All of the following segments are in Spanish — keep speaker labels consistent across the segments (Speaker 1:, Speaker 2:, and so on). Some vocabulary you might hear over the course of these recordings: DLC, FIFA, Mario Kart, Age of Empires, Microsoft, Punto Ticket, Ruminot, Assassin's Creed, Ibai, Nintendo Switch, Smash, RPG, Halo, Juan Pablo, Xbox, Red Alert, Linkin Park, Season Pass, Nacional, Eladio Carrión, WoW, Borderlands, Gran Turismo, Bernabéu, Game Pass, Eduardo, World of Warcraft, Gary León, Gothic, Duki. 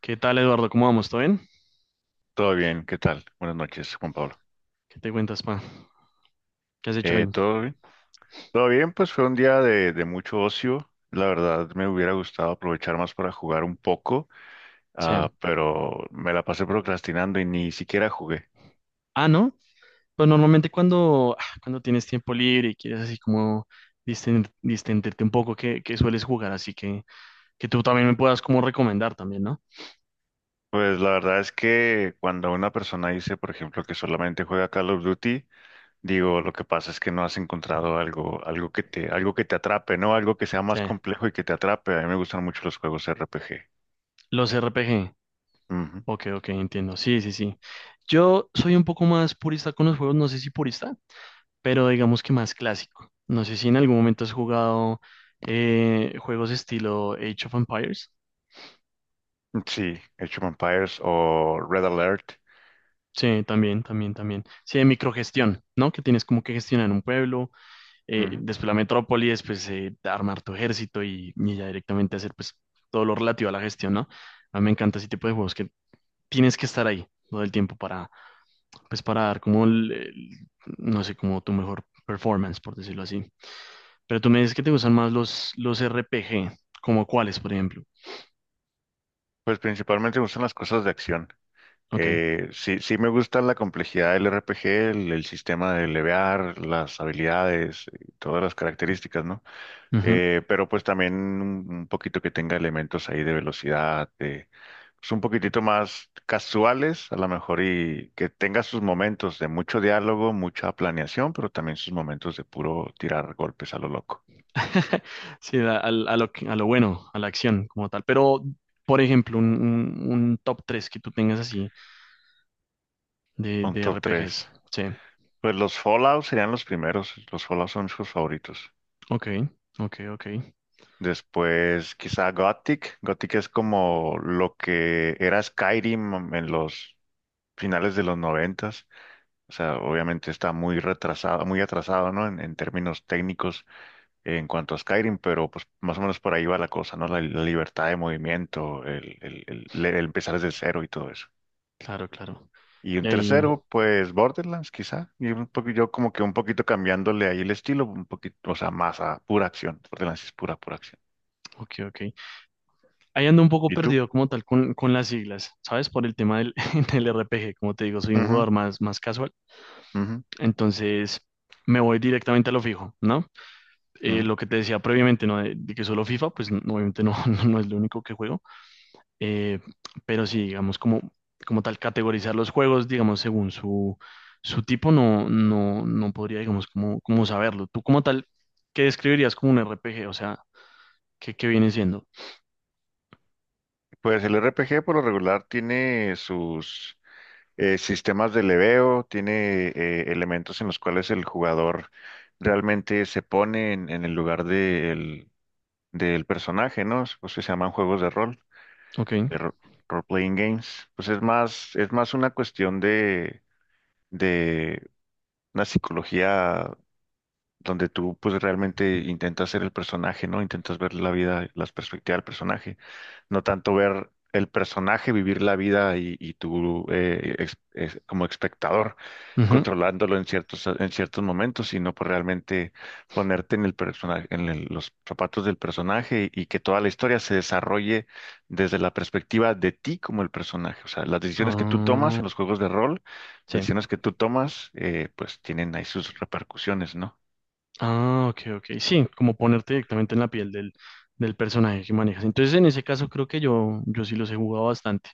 Speaker 1: ¿Qué tal, Eduardo? ¿Cómo vamos? ¿Todo bien?
Speaker 2: Todo bien, ¿qué tal? Buenas noches, Juan Pablo.
Speaker 1: ¿Qué te cuentas, pa? ¿Qué has hecho hoy?
Speaker 2: ¿Todo bien? Todo bien, pues fue un día de mucho ocio. La verdad me hubiera gustado aprovechar más para jugar un poco,
Speaker 1: Sí.
Speaker 2: pero me la pasé procrastinando y ni siquiera jugué.
Speaker 1: Ah, ¿no? Pues normalmente cuando tienes tiempo libre y quieres así como distenderte un poco, ¿qué sueles jugar? Así que tú también me puedas como recomendar también, ¿no?
Speaker 2: Pues la verdad es que cuando una persona dice, por ejemplo, que solamente juega Call of Duty, digo, lo que pasa es que no has encontrado algo, algo que te atrape, ¿no? Algo que sea
Speaker 1: Sí.
Speaker 2: más complejo y que te atrape. A mí me gustan mucho los juegos RPG.
Speaker 1: Los RPG.
Speaker 2: Ujú.
Speaker 1: Ok, ok, entiendo. Sí, sí, sí. Yo soy un poco más purista con los juegos, no sé si purista, pero digamos que más clásico. No sé si en algún momento has jugado juegos estilo Age of Empires.
Speaker 2: Sí, Age of Empires o Red Alert.
Speaker 1: Sí, también, también, también. Sí, de microgestión, ¿no? Que tienes como que gestionar un pueblo,
Speaker 2: Ujú.
Speaker 1: después la metrópoli, después armar tu ejército y ya directamente hacer pues todo lo relativo a la gestión, ¿no? A mí me encanta ese tipo de juegos que tienes que estar ahí todo el tiempo pues para dar como no sé, como tu mejor performance, por decirlo así. Pero tú me dices que te gustan más los RPG, como cuáles, por ejemplo.
Speaker 2: Pues principalmente me gustan las cosas de acción.
Speaker 1: Ok.
Speaker 2: Sí, me gusta la complejidad del RPG, el sistema de levear, las habilidades y todas las características, ¿no? Pero pues también un poquito que tenga elementos ahí de velocidad, de, pues un poquitito más casuales, a lo mejor, y que tenga sus momentos de mucho diálogo, mucha planeación, pero también sus momentos de puro tirar golpes a lo loco.
Speaker 1: Sí, a, al- a lo, que- a lo bueno, a la acción como tal. Pero, por ejemplo, un top 3 que tú tengas así de,
Speaker 2: Un
Speaker 1: de
Speaker 2: top tres.
Speaker 1: RPGs. Sí,
Speaker 2: Pues los Fallout serían los primeros. Los Fallout son sus favoritos.
Speaker 1: ok, ok, ok.
Speaker 2: Después, quizá Gothic. Gothic es como lo que era Skyrim en los finales de los noventas. O sea, obviamente está muy retrasado, muy atrasado, ¿no? En términos técnicos en cuanto a Skyrim, pero pues más o menos por ahí va la cosa, ¿no? La libertad de movimiento, el empezar desde cero y todo eso.
Speaker 1: Claro, claro.
Speaker 2: Y
Speaker 1: Y
Speaker 2: un
Speaker 1: ahí,
Speaker 2: tercero, pues Borderlands, quizá. Y un poco, yo como que un poquito cambiándole ahí el estilo, un poquito, o sea, más a pura acción. Borderlands es pura acción.
Speaker 1: ok, ok. Ahí ando un poco
Speaker 2: ¿Y tú?
Speaker 1: perdido como tal con las siglas, ¿sabes? Por el tema del, del RPG. Como te digo, soy un
Speaker 2: Ujú,
Speaker 1: jugador más casual.
Speaker 2: ujú.
Speaker 1: Entonces, me voy directamente a lo fijo, ¿no?
Speaker 2: Mm.
Speaker 1: Lo que te decía previamente, ¿no? De que solo FIFA, pues no, obviamente no, no es lo único que juego. Eh, pero sí, digamos, como tal, categorizar los juegos, digamos, según su tipo, no, no, no podría, digamos, como saberlo. Tú como tal, ¿qué describirías como un RPG? O sea, ¿qué viene siendo?
Speaker 2: Pues el RPG por lo regular tiene sus sistemas de leveo, tiene elementos en los cuales el jugador realmente se pone en el lugar del personaje, ¿no? Pues se llaman juegos de rol,
Speaker 1: Ok.
Speaker 2: de ro- role-playing games. Pues es más una cuestión de una psicología donde tú pues realmente intentas ser el personaje, ¿no? Intentas ver la vida, las perspectivas del personaje, no tanto ver el personaje, vivir la vida y tú como espectador
Speaker 1: Ujú.
Speaker 2: controlándolo en ciertos momentos, sino por realmente ponerte en el personaje, los zapatos del personaje y que toda la historia se desarrolle desde la perspectiva de ti como el personaje. O sea, las decisiones que tú tomas
Speaker 1: Ah,
Speaker 2: en los juegos de rol, las
Speaker 1: sí.
Speaker 2: decisiones que tú tomas, pues tienen ahí sus repercusiones, ¿no?
Speaker 1: Ah, ok, ok. Sí, como ponerte directamente en la piel del personaje que manejas. Entonces, en ese caso, creo que yo sí los he jugado bastante.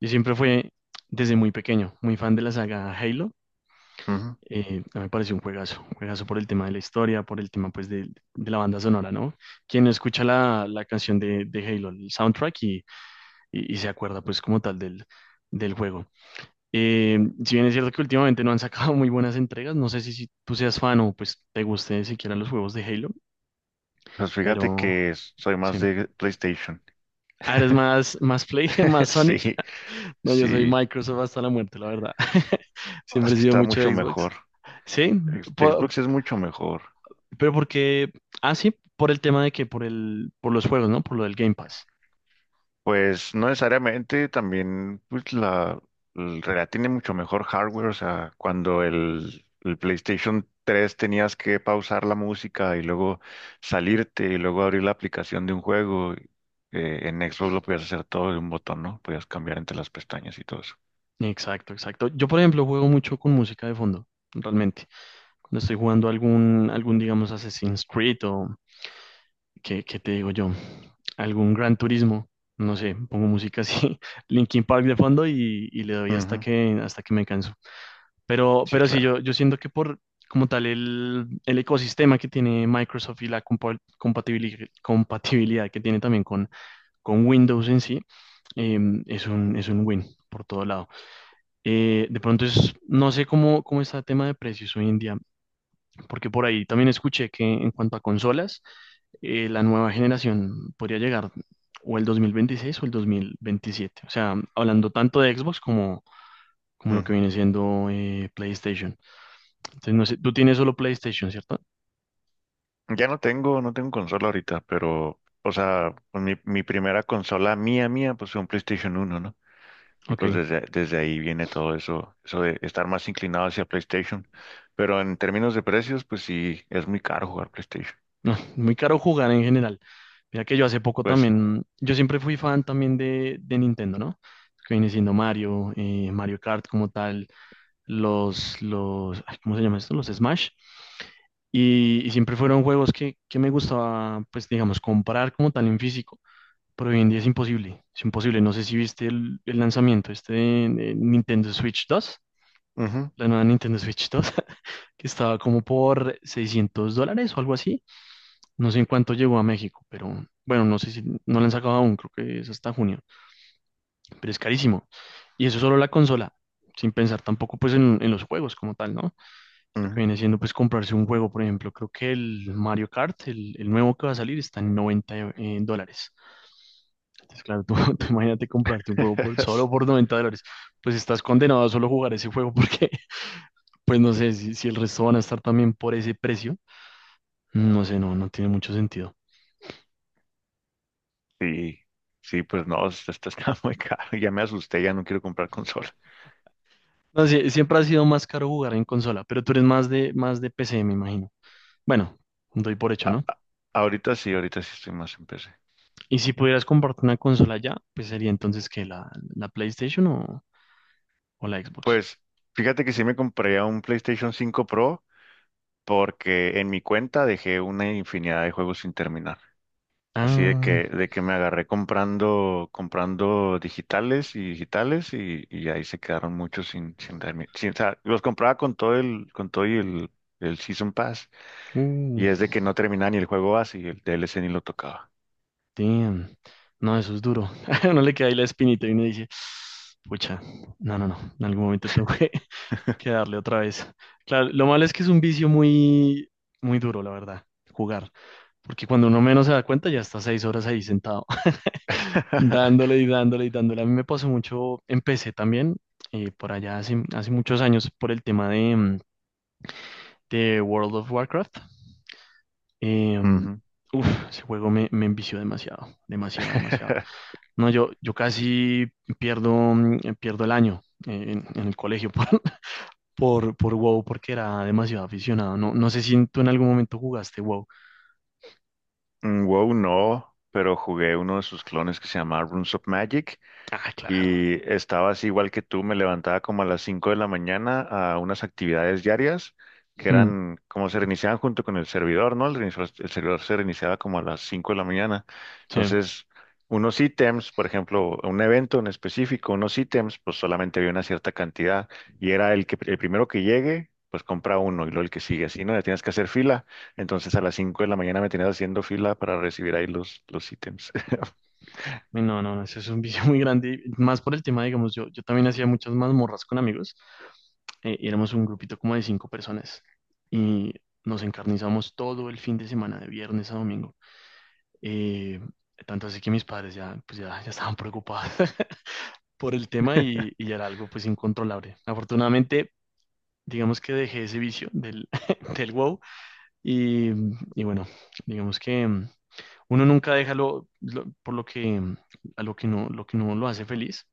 Speaker 1: Yo siempre fue, desde muy pequeño, muy fan de la saga Halo.
Speaker 2: Ujú.
Speaker 1: A mí me pareció un juegazo por el tema de la historia, por el tema pues de la banda sonora, ¿no? Quien no escucha la canción de Halo, el soundtrack y se acuerda pues como tal del juego. Si bien es cierto que últimamente no han sacado muy buenas entregas, no sé si tú seas fan o pues te guste siquiera los juegos de Halo,
Speaker 2: Pues fíjate
Speaker 1: pero
Speaker 2: que soy más
Speaker 1: sí.
Speaker 2: de PlayStation.
Speaker 1: Ah, eres más Play, más Sony.
Speaker 2: Sí,
Speaker 1: No, yo soy
Speaker 2: sí.
Speaker 1: Microsoft hasta la muerte, la verdad.
Speaker 2: Ah,
Speaker 1: Siempre
Speaker 2: es
Speaker 1: he
Speaker 2: que
Speaker 1: sido
Speaker 2: está
Speaker 1: mucho
Speaker 2: mucho
Speaker 1: de
Speaker 2: mejor.
Speaker 1: Xbox. Sí, po- por,
Speaker 2: Xbox es mucho mejor.
Speaker 1: Pero porque, sí, por el tema de que, por los juegos, ¿no? Por lo del Game Pass.
Speaker 2: Pues no necesariamente, también pues tiene mucho mejor hardware. O sea, cuando el PlayStation tres tenías que pausar la música y luego salirte y luego abrir la aplicación de un juego. En Xbox lo podías hacer todo de un botón, ¿no? Podías cambiar entre las pestañas y todo eso.
Speaker 1: Exacto, exacto. Yo, por ejemplo, juego mucho con música de fondo, realmente. Cuando estoy jugando algún, digamos, Assassin's Creed o, ¿qué te digo yo? Algún Gran Turismo, no sé, pongo música así, Linkin Park de fondo y le doy hasta
Speaker 2: Ujú.
Speaker 1: que, hasta que me canso. Pero,
Speaker 2: Sí,
Speaker 1: pero sí,
Speaker 2: claro.
Speaker 1: yo siento que como tal, el ecosistema que tiene Microsoft y la compatibilidad que tiene también con Windows en sí, eh, es un win por todo lado. De pronto es, no sé cómo está el tema de precios hoy en día, porque por ahí también escuché que en cuanto a consolas, la nueva generación podría llegar o el 2026 o el 2027. O sea, hablando tanto de Xbox como lo que viene siendo PlayStation. Entonces, no sé, tú tienes solo PlayStation, ¿cierto?
Speaker 2: Ya no tengo, no tengo consola ahorita, pero, o sea, pues mi primera consola mía, pues fue un PlayStation uno, ¿no? Y pues
Speaker 1: Ok.
Speaker 2: desde ahí viene todo eso, eso de estar más inclinado hacia PlayStation. Pero en términos de precios, pues sí, es muy caro jugar PlayStation.
Speaker 1: No, muy caro jugar en general. Mira que yo hace poco
Speaker 2: Pues sí.
Speaker 1: también, yo siempre fui fan también de Nintendo, ¿no? Que viene siendo Mario, Mario Kart como tal, los, ay, ¿cómo se llama esto? Los Smash. Y siempre fueron juegos que me gustaba, pues digamos, comprar como tal en físico. Pero hoy en día es imposible, es imposible. No sé si viste el lanzamiento este de Nintendo Switch dos
Speaker 2: Ujú,
Speaker 1: la nueva Nintendo Switch dos que estaba como por $600 o algo así. No sé en cuánto llegó a México, pero bueno, no sé si no la han sacado aún, creo que es hasta junio, pero es carísimo. Y eso solo la consola, sin pensar tampoco pues en los juegos como tal, ¿no? Lo que
Speaker 2: ujú.
Speaker 1: viene siendo pues comprarse un juego, por ejemplo, creo que el Mario Kart, el nuevo que va a salir, está en 90 dólares. Entonces, claro, tú, tú imagínate comprarte un juego solo por $90, pues estás condenado a solo jugar ese juego porque, pues no sé, si el resto van a estar también por ese precio, no sé, no, no tiene mucho sentido.
Speaker 2: Sí, sí, pues no, esto está muy caro. Ya me asusté, ya no quiero comprar consola.
Speaker 1: No, sí, siempre ha sido más caro jugar en consola, pero tú eres más de PC, me imagino. Bueno, doy por hecho, ¿no?
Speaker 2: Ahorita sí estoy más en PC.
Speaker 1: Y si pudieras comprarte una consola ya, pues sería entonces que la PlayStation o la Xbox.
Speaker 2: Pues fíjate que sí me compré un PlayStation cinco Pro porque en mi cuenta dejé una infinidad de juegos sin terminar. Así
Speaker 1: Ah,
Speaker 2: de que me agarré comprando digitales y digitales y ahí se quedaron muchos sin, sin, termi- sin- o sea, los compraba con todo con todo y el Season Pass,
Speaker 1: uh,
Speaker 2: y es de que no terminaba ni el juego base y el DLC ni lo tocaba.
Speaker 1: damn. No, eso es duro. No le queda ahí la espinita y uno dice, pucha, no, no, no, en algún momento tengo que, que darle otra vez. Claro, lo malo es que es un vicio muy, muy duro, la verdad, jugar. Porque cuando uno menos se da cuenta, ya está 6 horas ahí sentado. Dándole y dándole y dándole. A mí me pasó mucho, empecé también por allá hace muchos años por el tema de World of Warcraft. Eh,
Speaker 2: Ujú.
Speaker 1: Uf, ese juego me envició demasiado, demasiado, demasiado. No, yo casi pierdo el año en el colegio por, por WoW porque era demasiado aficionado. No, no sé si tú en algún momento jugaste WoW.
Speaker 2: Mm, WoW no, pero jugué uno de sus clones que se llama Runes of Magic.
Speaker 1: Ah, claro.
Speaker 2: Y estabas igual que tú, me levantaba como a las 5 de la mañana a unas actividades diarias que
Speaker 1: Mm,
Speaker 2: eran como se reiniciaban junto con el servidor, ¿no? El servidor se reiniciaba como a las 5 de la mañana.
Speaker 1: sí.
Speaker 2: Entonces, unos ítems, por ejemplo, un evento en específico, unos ítems, pues solamente había una cierta cantidad y era el que el primero que llegue, pues compra uno y luego el que sigue así, ¿no? Ya tienes que hacer fila. Entonces, a las 5 de la mañana me tenías haciendo fila para recibir ahí los ítems.
Speaker 1: No, no, no, eso es un vicio muy grande. Más por el tema, digamos, yo también hacía muchas mazmorras con amigos. Y éramos un grupito como de cinco personas. Y nos encarnizamos todo el fin de semana, de viernes a domingo. Eh, Tanto así que mis padres pues ya estaban preocupados por el tema y ya era algo pues incontrolable. Afortunadamente, digamos que dejé ese vicio del, del wow. Y, y bueno, digamos que uno nunca deja por lo que, a lo que no, lo que no lo hace feliz.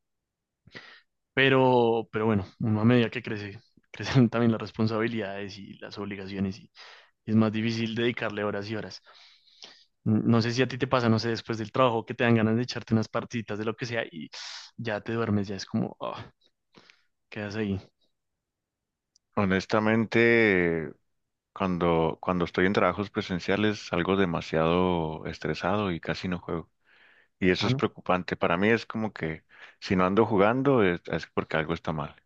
Speaker 1: Pero bueno, uno a medida que crece, crecen también las responsabilidades y las obligaciones y es más difícil dedicarle horas y horas. No sé si a ti te pasa, no sé, después del trabajo que te dan ganas de echarte unas partiditas de lo que sea y ya te duermes, ya es como, quedas ahí.
Speaker 2: Honestamente, cuando estoy en trabajos presenciales salgo demasiado estresado y casi no juego. Y eso
Speaker 1: Ah,
Speaker 2: es
Speaker 1: no.
Speaker 2: preocupante. Para mí es como que si no ando jugando es porque algo está mal.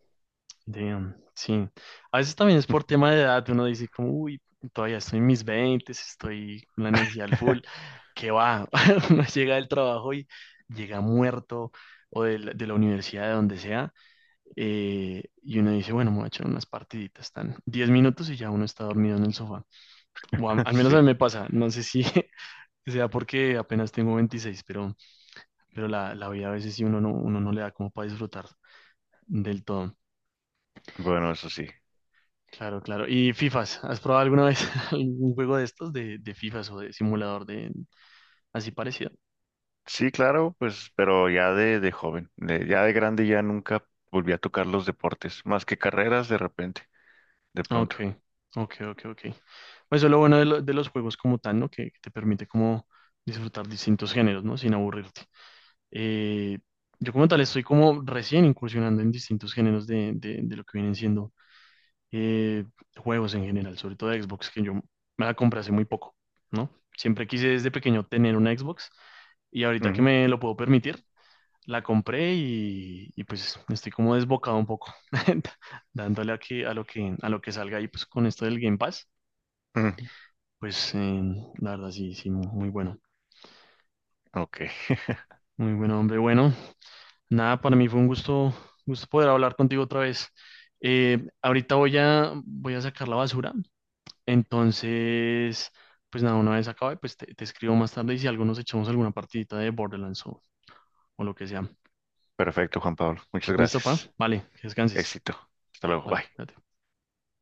Speaker 1: Damn, sí. A veces también es por tema de edad, uno dice como, uy, todavía estoy en mis 20 estoy con la energía al full, que va, uno llega del trabajo y llega muerto o de la universidad, de donde sea, y uno dice, bueno, me voy a echar unas partiditas, están 10 minutos y ya uno está dormido en el sofá. O al menos a mí
Speaker 2: Sí,
Speaker 1: me pasa, no sé si sea porque apenas tengo 26 pero, pero la vida a veces sí uno no le da como para disfrutar del todo.
Speaker 2: bueno, eso sí.
Speaker 1: Claro, claro. ¿Y FIFAs? ¿Has probado alguna vez algún juego de estos de FIFAs o de simulador de así parecido?
Speaker 2: Sí, claro, pues, pero ya de joven, ya de grande ya nunca volví a tocar los deportes, más que carreras de repente, de
Speaker 1: Ok,
Speaker 2: pronto.
Speaker 1: ok, ok, ok. Pues eso es lo bueno de los juegos como tal, ¿no? Que te permite como disfrutar distintos géneros, ¿no? Sin aburrirte. Eh, yo como tal estoy como recién incursionando en distintos géneros de lo que vienen siendo eh, juegos en general, sobre todo de Xbox, que yo me la compré hace muy poco, ¿no? Siempre quise desde pequeño tener una Xbox y ahorita que
Speaker 2: Ujú,
Speaker 1: me lo puedo permitir, la compré y pues estoy como desbocado un poco, dándole aquí a lo que, salga y pues con esto del Game Pass,
Speaker 2: ujú.
Speaker 1: pues la verdad sí, sí, muy bueno.
Speaker 2: Ok,
Speaker 1: Muy bueno, hombre. Bueno, nada, para mí fue un gusto poder hablar contigo otra vez. Ahorita voy a sacar la basura, entonces, pues nada, una vez acabe, pues te escribo más tarde y si algo nos echamos alguna partidita de Borderlands o lo que sea.
Speaker 2: perfecto, Juan Pablo. Muchas
Speaker 1: ¿Listo, pa?
Speaker 2: gracias.
Speaker 1: Vale, que descanses.
Speaker 2: Éxito. Hasta luego.
Speaker 1: Vale,
Speaker 2: Bye.
Speaker 1: cuídate.